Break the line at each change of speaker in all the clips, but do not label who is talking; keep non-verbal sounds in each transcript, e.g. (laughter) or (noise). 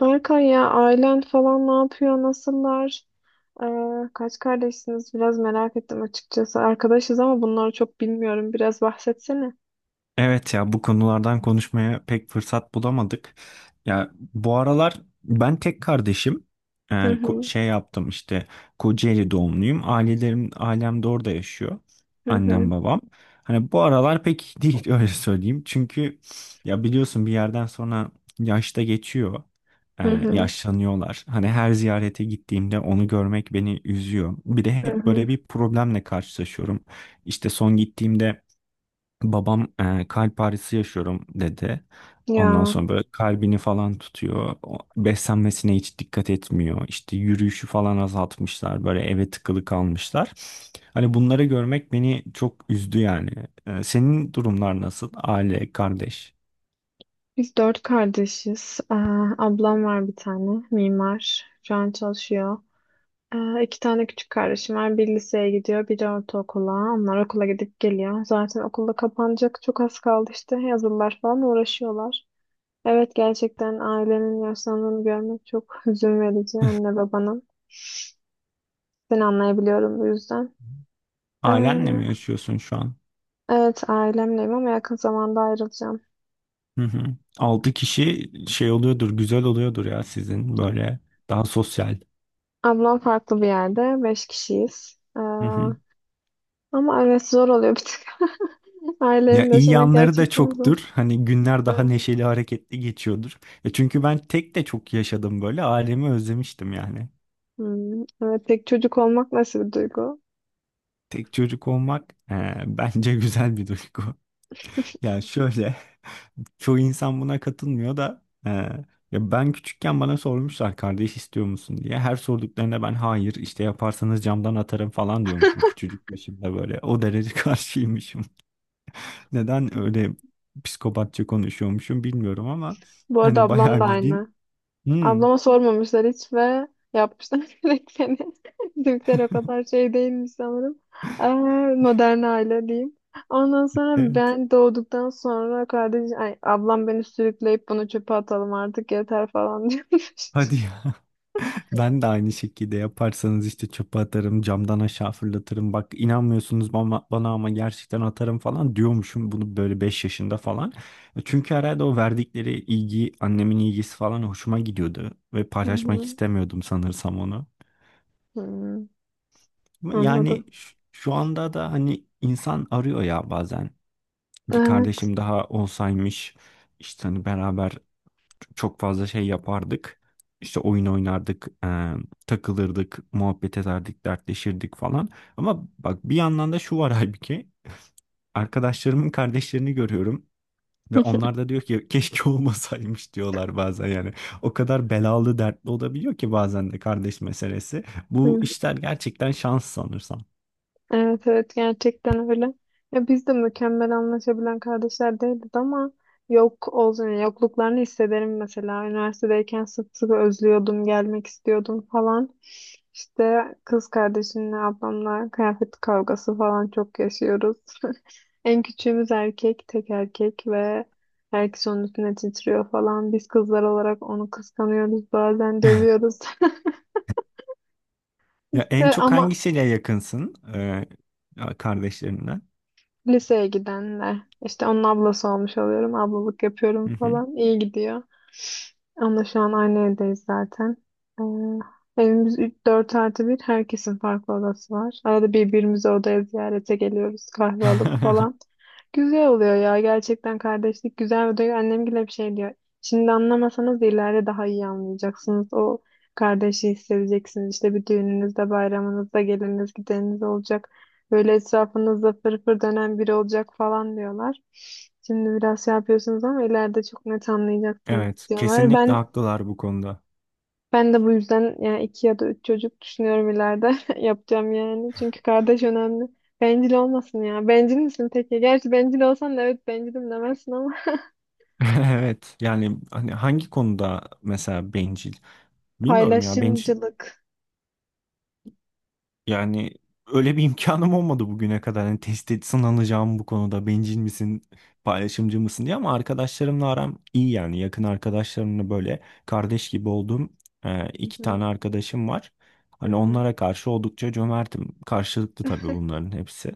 Berkay ya ailen falan ne yapıyor? Nasıllar? Kaç kardeşsiniz? Biraz merak ettim açıkçası. Arkadaşız ama bunları çok bilmiyorum. Biraz bahsetsene.
Evet ya bu konulardan konuşmaya pek fırsat bulamadık. Ya bu aralar ben tek kardeşim.
Hı hı,
Şey yaptım işte Kocaeli doğumluyum. Ailem de orada yaşıyor.
hı hı,
Annem babam. Hani bu aralar pek iyi değil (laughs) öyle söyleyeyim. Çünkü ya biliyorsun bir yerden sonra yaşta geçiyor.
hı hı,
Yaşlanıyorlar. Hani her ziyarete gittiğimde onu görmek beni üzüyor. Bir de
hı
hep
hı.
böyle bir problemle karşılaşıyorum. İşte son gittiğimde babam kalp ağrısı yaşıyorum dedi. Ondan
Ya
sonra böyle kalbini falan tutuyor. Beslenmesine hiç dikkat etmiyor. İşte yürüyüşü falan azaltmışlar. Böyle eve tıkılı kalmışlar. Hani bunları görmek beni çok üzdü yani. Senin durumlar nasıl? Aile, kardeş.
biz dört kardeşiz. Ablam var bir tane mimar. Şu an çalışıyor. İki tane küçük kardeşim var. Bir liseye gidiyor, biri ortaokula. Onlar okula gidip geliyor. Zaten okulda kapanacak çok az kaldı işte. Yazılılar falan uğraşıyorlar. Evet gerçekten ailenin yaşlandığını görmek çok (laughs) hüzün verici anne babanın. Seni anlayabiliyorum bu yüzden. Ee,
Ailenle mi yaşıyorsun şu an?
evet ailemleyim ama yakın zamanda ayrılacağım.
Hı hı. Altı kişi şey oluyordur, güzel oluyordur ya sizin böyle daha sosyal.
Ablam farklı bir yerde. Beş kişiyiz.
Hı hı.
Ama evet zor oluyor bir tık. (laughs)
Ya
Ailenin
iyi
yaşamak
yanları da
gerçekten zor.
çoktur. Hani günler daha
Aynen.
neşeli, hareketli geçiyordur. Ya çünkü ben tek de çok yaşadım böyle. Ailemi özlemiştim yani.
Evet tek çocuk olmak nasıl bir duygu?
Tek çocuk olmak (laughs) bence güzel bir duygu. (laughs) Yani şöyle, (laughs) çoğu insan buna katılmıyor da ya ben küçükken bana sormuşlar kardeş istiyor musun diye. Her sorduklarında ben hayır işte yaparsanız camdan atarım falan diyormuşum. Küçücükmüşüm de böyle. O derece (laughs) karşıymışım. Neden öyle psikopatça konuşuyormuşum bilmiyorum ama
Bu arada
hani
ablam da
bayağı bildiğin.
aynı.
Hmm,
Ablama sormamışlar hiç ve yapmışlar (laughs) direkt yani. Türkler o kadar şey değilmiş sanırım. Ee, modern aile diyeyim. Ondan sonra
evet.
ben doğduktan sonra kardeş, ay, ablam beni sürükleyip bunu çöpe atalım artık yeter falan (laughs) diyormuş.
Hadi ya. (laughs) Ben de aynı şekilde yaparsanız işte çöpe atarım, camdan aşağı fırlatırım. Bak inanmıyorsunuz bana ama gerçekten atarım falan diyormuşum bunu böyle 5 yaşında falan. Çünkü herhalde o verdikleri ilgi, annemin ilgisi falan hoşuma gidiyordu ve
Hı
paylaşmak
hı.
istemiyordum sanırsam onu.
Hı,
Ama yani
anladım.
şu anda da hani insan arıyor ya bazen. Bir
Evet.
kardeşim daha olsaymış. İşte hani beraber çok fazla şey yapardık. İşte oyun oynardık, takılırdık, muhabbet ederdik, dertleşirdik falan. Ama bak bir yandan da şu var (laughs) halbuki. Arkadaşlarımın kardeşlerini görüyorum ve onlar da diyor ki keşke (laughs) olmasaymış diyorlar bazen yani. O kadar belalı, dertli olabiliyor ki bazen de kardeş meselesi. Bu
Hı.
işler gerçekten şans sanırsam.
Evet evet gerçekten öyle. Ya biz de mükemmel anlaşabilen kardeşler değildik ama yok olsun yani yokluklarını hissederim mesela. Üniversitedeyken sık sık özlüyordum, gelmek istiyordum falan. İşte kız kardeşimle ablamla kıyafet kavgası falan çok yaşıyoruz. (laughs) En küçüğümüz erkek, tek erkek ve herkes onun üstüne titriyor falan. Biz kızlar olarak onu kıskanıyoruz, bazen dövüyoruz. (laughs)
Ya en
İşte
çok
ama
hangisiyle yakınsın kardeşlerinden?
liseye gidenler. İşte onun ablası olmuş oluyorum. Ablalık
Hı
yapıyorum
hı.
falan. İyi gidiyor. Onunla şu an aynı evdeyiz zaten. Evimiz 4 artı bir, herkesin farklı odası var. Arada birbirimizi odaya ziyarete geliyoruz. Kahve alıp
(laughs)
falan. Güzel oluyor ya. Gerçekten kardeşlik güzel oluyor. Annem bile bir şey diyor. Şimdi anlamasanız da ileride daha iyi anlayacaksınız. O kardeşi hissedeceksiniz. İşte bir düğününüzde, bayramınızda geliniz, gideniniz olacak. Böyle etrafınızda fırfır dönen biri olacak falan diyorlar. Şimdi biraz şey yapıyorsunuz ama ileride çok net anlayacaksınız
Evet,
diyorlar.
kesinlikle
Ben
haklılar bu konuda.
ben de bu yüzden yani iki ya da üç çocuk düşünüyorum ileride (laughs) yapacağım yani. Çünkü kardeş önemli. Bencil olmasın ya. Bencil misin peki? Gerçi bencil olsan da evet bencilim demezsin ama
(laughs) Evet yani hani hangi konuda mesela bencil
(laughs)
bilmiyorum ya bencil
paylaşımcılık.
yani öyle bir (laughs) imkanım olmadı bugüne kadar hani test et sınanacağım bu konuda bencil misin paylaşımcı mısın diye ama arkadaşlarımla aram iyi yani yakın arkadaşlarımla böyle kardeş gibi olduğum
Hı
iki
hı,
tane arkadaşım var
hı
hani
hı.
onlara karşı oldukça cömertim karşılıklı tabii
(laughs)
bunların hepsi.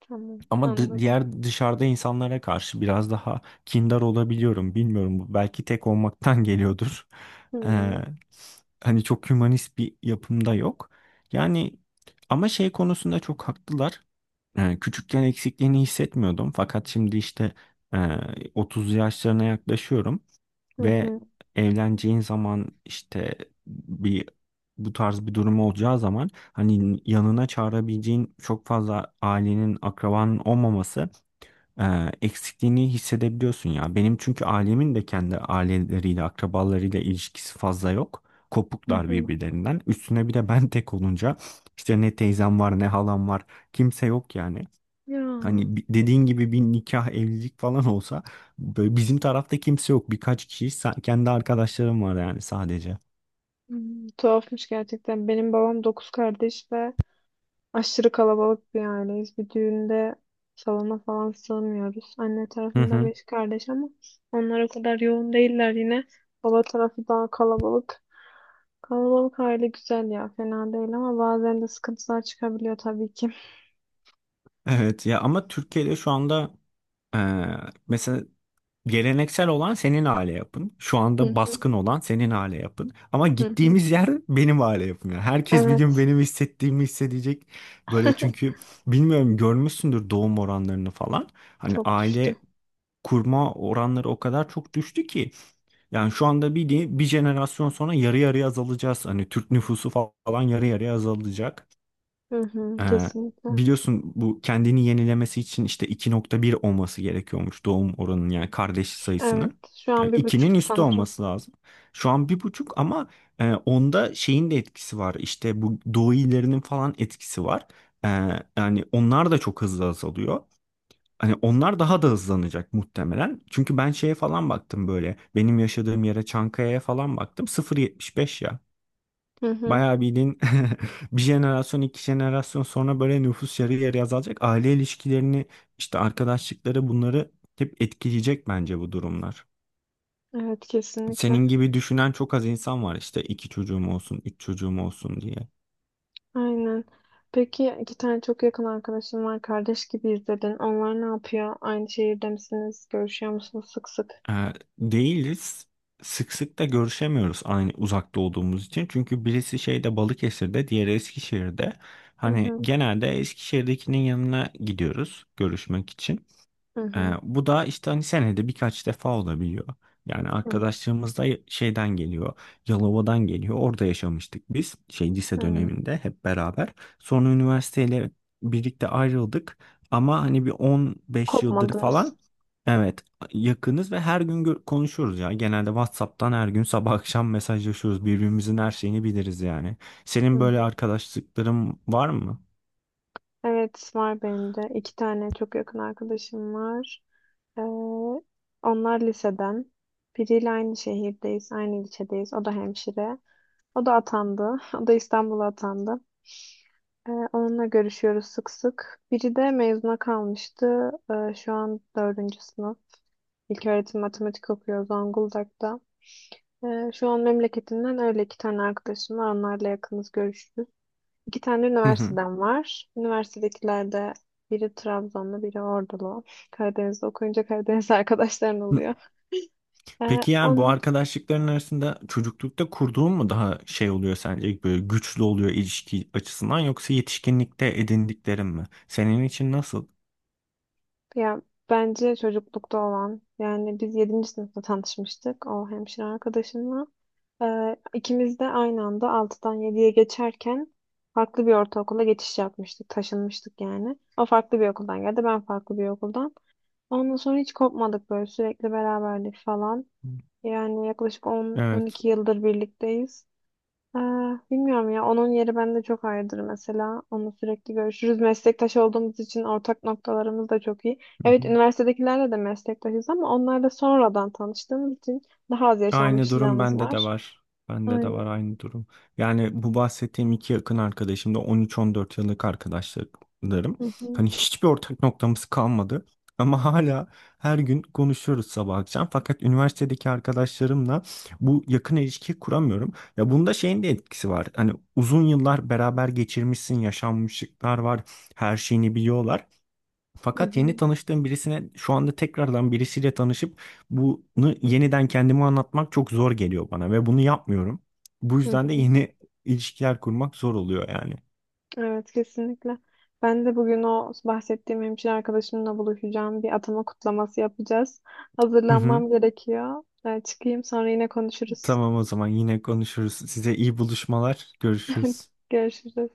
Tamam
Ama
anladım.
diğer dışarıda insanlara karşı biraz daha kindar olabiliyorum. Bilmiyorum bu belki tek olmaktan (laughs) geliyordur.
Hı
Ee,
hı,
Hani çok hümanist bir yapımda yok. Yani ama şey konusunda çok haklılar. Küçükken eksikliğini hissetmiyordum. Fakat şimdi işte e, 30 yaşlarına yaklaşıyorum.
hı
Ve
hı.
evleneceğin zaman işte bir bu tarz bir durum olacağı zaman hani yanına çağırabileceğin çok fazla ailenin akrabanın olmaması e, eksikliğini hissedebiliyorsun ya. Benim çünkü ailemin de kendi aileleriyle akrabalarıyla ilişkisi fazla yok.
Hı
Kopuklar
hı.
birbirlerinden. Üstüne bir de ben tek olunca işte ne teyzem var ne halam var, kimse yok yani.
Ya.
Hani dediğin gibi bir nikah, evlilik falan olsa böyle bizim tarafta kimse yok. Birkaç kişi kendi arkadaşlarım var yani sadece.
Tuhafmış gerçekten. Benim babam dokuz kardeş ve aşırı kalabalık bir aileyiz. Bir düğünde salona falan sığmıyoruz. Anne
Hı
tarafında
hı.
beş kardeş ama onlar o kadar yoğun değiller yine. Baba tarafı daha kalabalık. Kalabalık aile güzel ya, fena değil ama bazen de sıkıntılar çıkabiliyor tabii ki.
Evet ya ama Türkiye'de şu anda eee, mesela geleneksel olan senin aile yapın. Şu
Hı
anda
hı,
baskın olan senin aile yapın. Ama
hı hı.
gittiğimiz yer benim aile yapım. Yani herkes bir gün
Evet,
benim hissettiğimi hissedecek. Böyle çünkü
(laughs)
bilmiyorum görmüşsündür doğum oranlarını falan. Hani
çok düştü.
aile kurma oranları o kadar çok düştü ki. Yani şu anda bir jenerasyon sonra yarı yarıya azalacağız. Hani Türk nüfusu falan yarı yarıya azalacak.
Hı hı,
Ee,
kesinlikle.
Biliyorsun bu kendini yenilemesi için işte 2,1 olması gerekiyormuş doğum oranının yani kardeş
Evet,
sayısının.
şu
Yani
an 1,5
2'nin üstü
sanırım.
olması lazım. Şu an 1,5 ama onda şeyin de etkisi var. İşte bu doğu illerinin falan etkisi var. Ee, Yani onlar da çok hızlı azalıyor. Hani onlar daha da hızlanacak muhtemelen. Çünkü ben şeye falan baktım böyle. Benim yaşadığım yere Çankaya'ya falan baktım. 0,75 ya.
Hı hı,
Bayağı bildiğin (laughs) bir jenerasyon iki jenerasyon sonra böyle nüfus yarı yarıya azalacak. Aile ilişkilerini işte arkadaşlıkları bunları hep etkileyecek bence bu durumlar.
evet,
Senin
kesinlikle.
gibi düşünen çok az insan var işte iki çocuğum olsun, üç çocuğum olsun diye.
Aynen. Peki iki tane çok yakın arkadaşım var. Kardeş gibiyiz dedin. Onlar ne yapıyor? Aynı şehirde misiniz? Görüşüyor musunuz sık sık?
Ee, Değiliz. Sık sık da görüşemiyoruz aynı uzakta olduğumuz için. Çünkü birisi şeyde Balıkesir'de, diğeri Eskişehir'de.
Hı
Hani
hı.
genelde Eskişehir'dekinin yanına gidiyoruz görüşmek için.
Hı hı.
Bu da işte hani senede birkaç defa olabiliyor. Yani
Hı
arkadaşlarımız da şeyden geliyor. Yalova'dan geliyor. Orada yaşamıştık biz. Şey lise
hı.
döneminde hep beraber. Sonra üniversiteyle birlikte ayrıldık. Ama hani bir 15 yıldır
Kopmadınız.
falan, evet, yakınız ve her gün konuşuyoruz ya. Genelde WhatsApp'tan her gün sabah akşam mesajlaşıyoruz. Birbirimizin her şeyini biliriz yani.
Hı
Senin böyle
hı.
arkadaşlıkların var mı?
Evet var benim de. İki tane çok yakın arkadaşım var. Ee, onlar liseden. Biriyle aynı şehirdeyiz, aynı ilçedeyiz. O da hemşire. O da atandı. (laughs) O da İstanbul'a atandı. Onunla görüşüyoruz sık sık. Biri de mezuna kalmıştı. Şu an dördüncü sınıf. İlköğretim matematik okuyor Zonguldak'ta. Şu an memleketinden öyle iki tane arkadaşım var. Onlarla yakınız görüşürüz. İki tane
Hı
üniversiteden var. Üniversitedekilerde biri Trabzonlu, biri Ordulu. Karadeniz'de okuyunca Karadeniz (laughs) arkadaşların
hı.
oluyor. Ee,
Peki yani bu
on,
arkadaşlıkların arasında çocuklukta kurduğun mu daha şey oluyor sence, böyle güçlü oluyor ilişki açısından, yoksa yetişkinlikte edindiklerin mi? Senin için nasıl?
Ya bence çocuklukta olan yani biz yedinci sınıfta tanışmıştık o hemşire arkadaşımla. Ee, ikimiz de aynı anda altıdan yediye geçerken farklı bir ortaokula geçiş yapmıştık. Taşınmıştık yani. O farklı bir okuldan geldi ben farklı bir okuldan. Ondan sonra hiç kopmadık böyle sürekli beraberdik falan. Yani yaklaşık
Evet.
10-12 yıldır birlikteyiz. Ee, bilmiyorum ya onun yeri bende çok ayrıdır mesela. Onunla sürekli görüşürüz. Meslektaş olduğumuz için ortak noktalarımız da çok iyi. Evet üniversitedekilerle de meslektaşız ama onlarla sonradan tanıştığımız için daha az
Aynı durum
yaşanmışlığımız
bende de
var.
var. Bende de var
Aynen.
aynı durum. Yani bu bahsettiğim iki yakın arkadaşım da 13-14 yıllık arkadaşlarım.
Hı hı.
Hani hiçbir ortak noktamız kalmadı. Ama hala her gün konuşuyoruz sabah akşam. Fakat üniversitedeki arkadaşlarımla bu yakın ilişki kuramıyorum. Ya bunda şeyin de etkisi var. Hani uzun yıllar beraber geçirmişsin, yaşanmışlıklar var, her şeyini biliyorlar.
Hı
Fakat yeni
hı.
tanıştığım birisine şu anda tekrardan birisiyle tanışıp bunu yeniden kendime anlatmak çok zor geliyor bana ve bunu yapmıyorum. Bu
Hı
yüzden de
hı.
yeni ilişkiler kurmak zor oluyor yani.
Evet kesinlikle. Ben de bugün o bahsettiğim hemşire arkadaşımla buluşacağım. Bir atama kutlaması yapacağız.
Hı hı.
Hazırlanmam gerekiyor. Ben çıkayım sonra yine konuşuruz.
Tamam o zaman yine konuşuruz. Size iyi buluşmalar. Görüşürüz.
(laughs) Görüşürüz.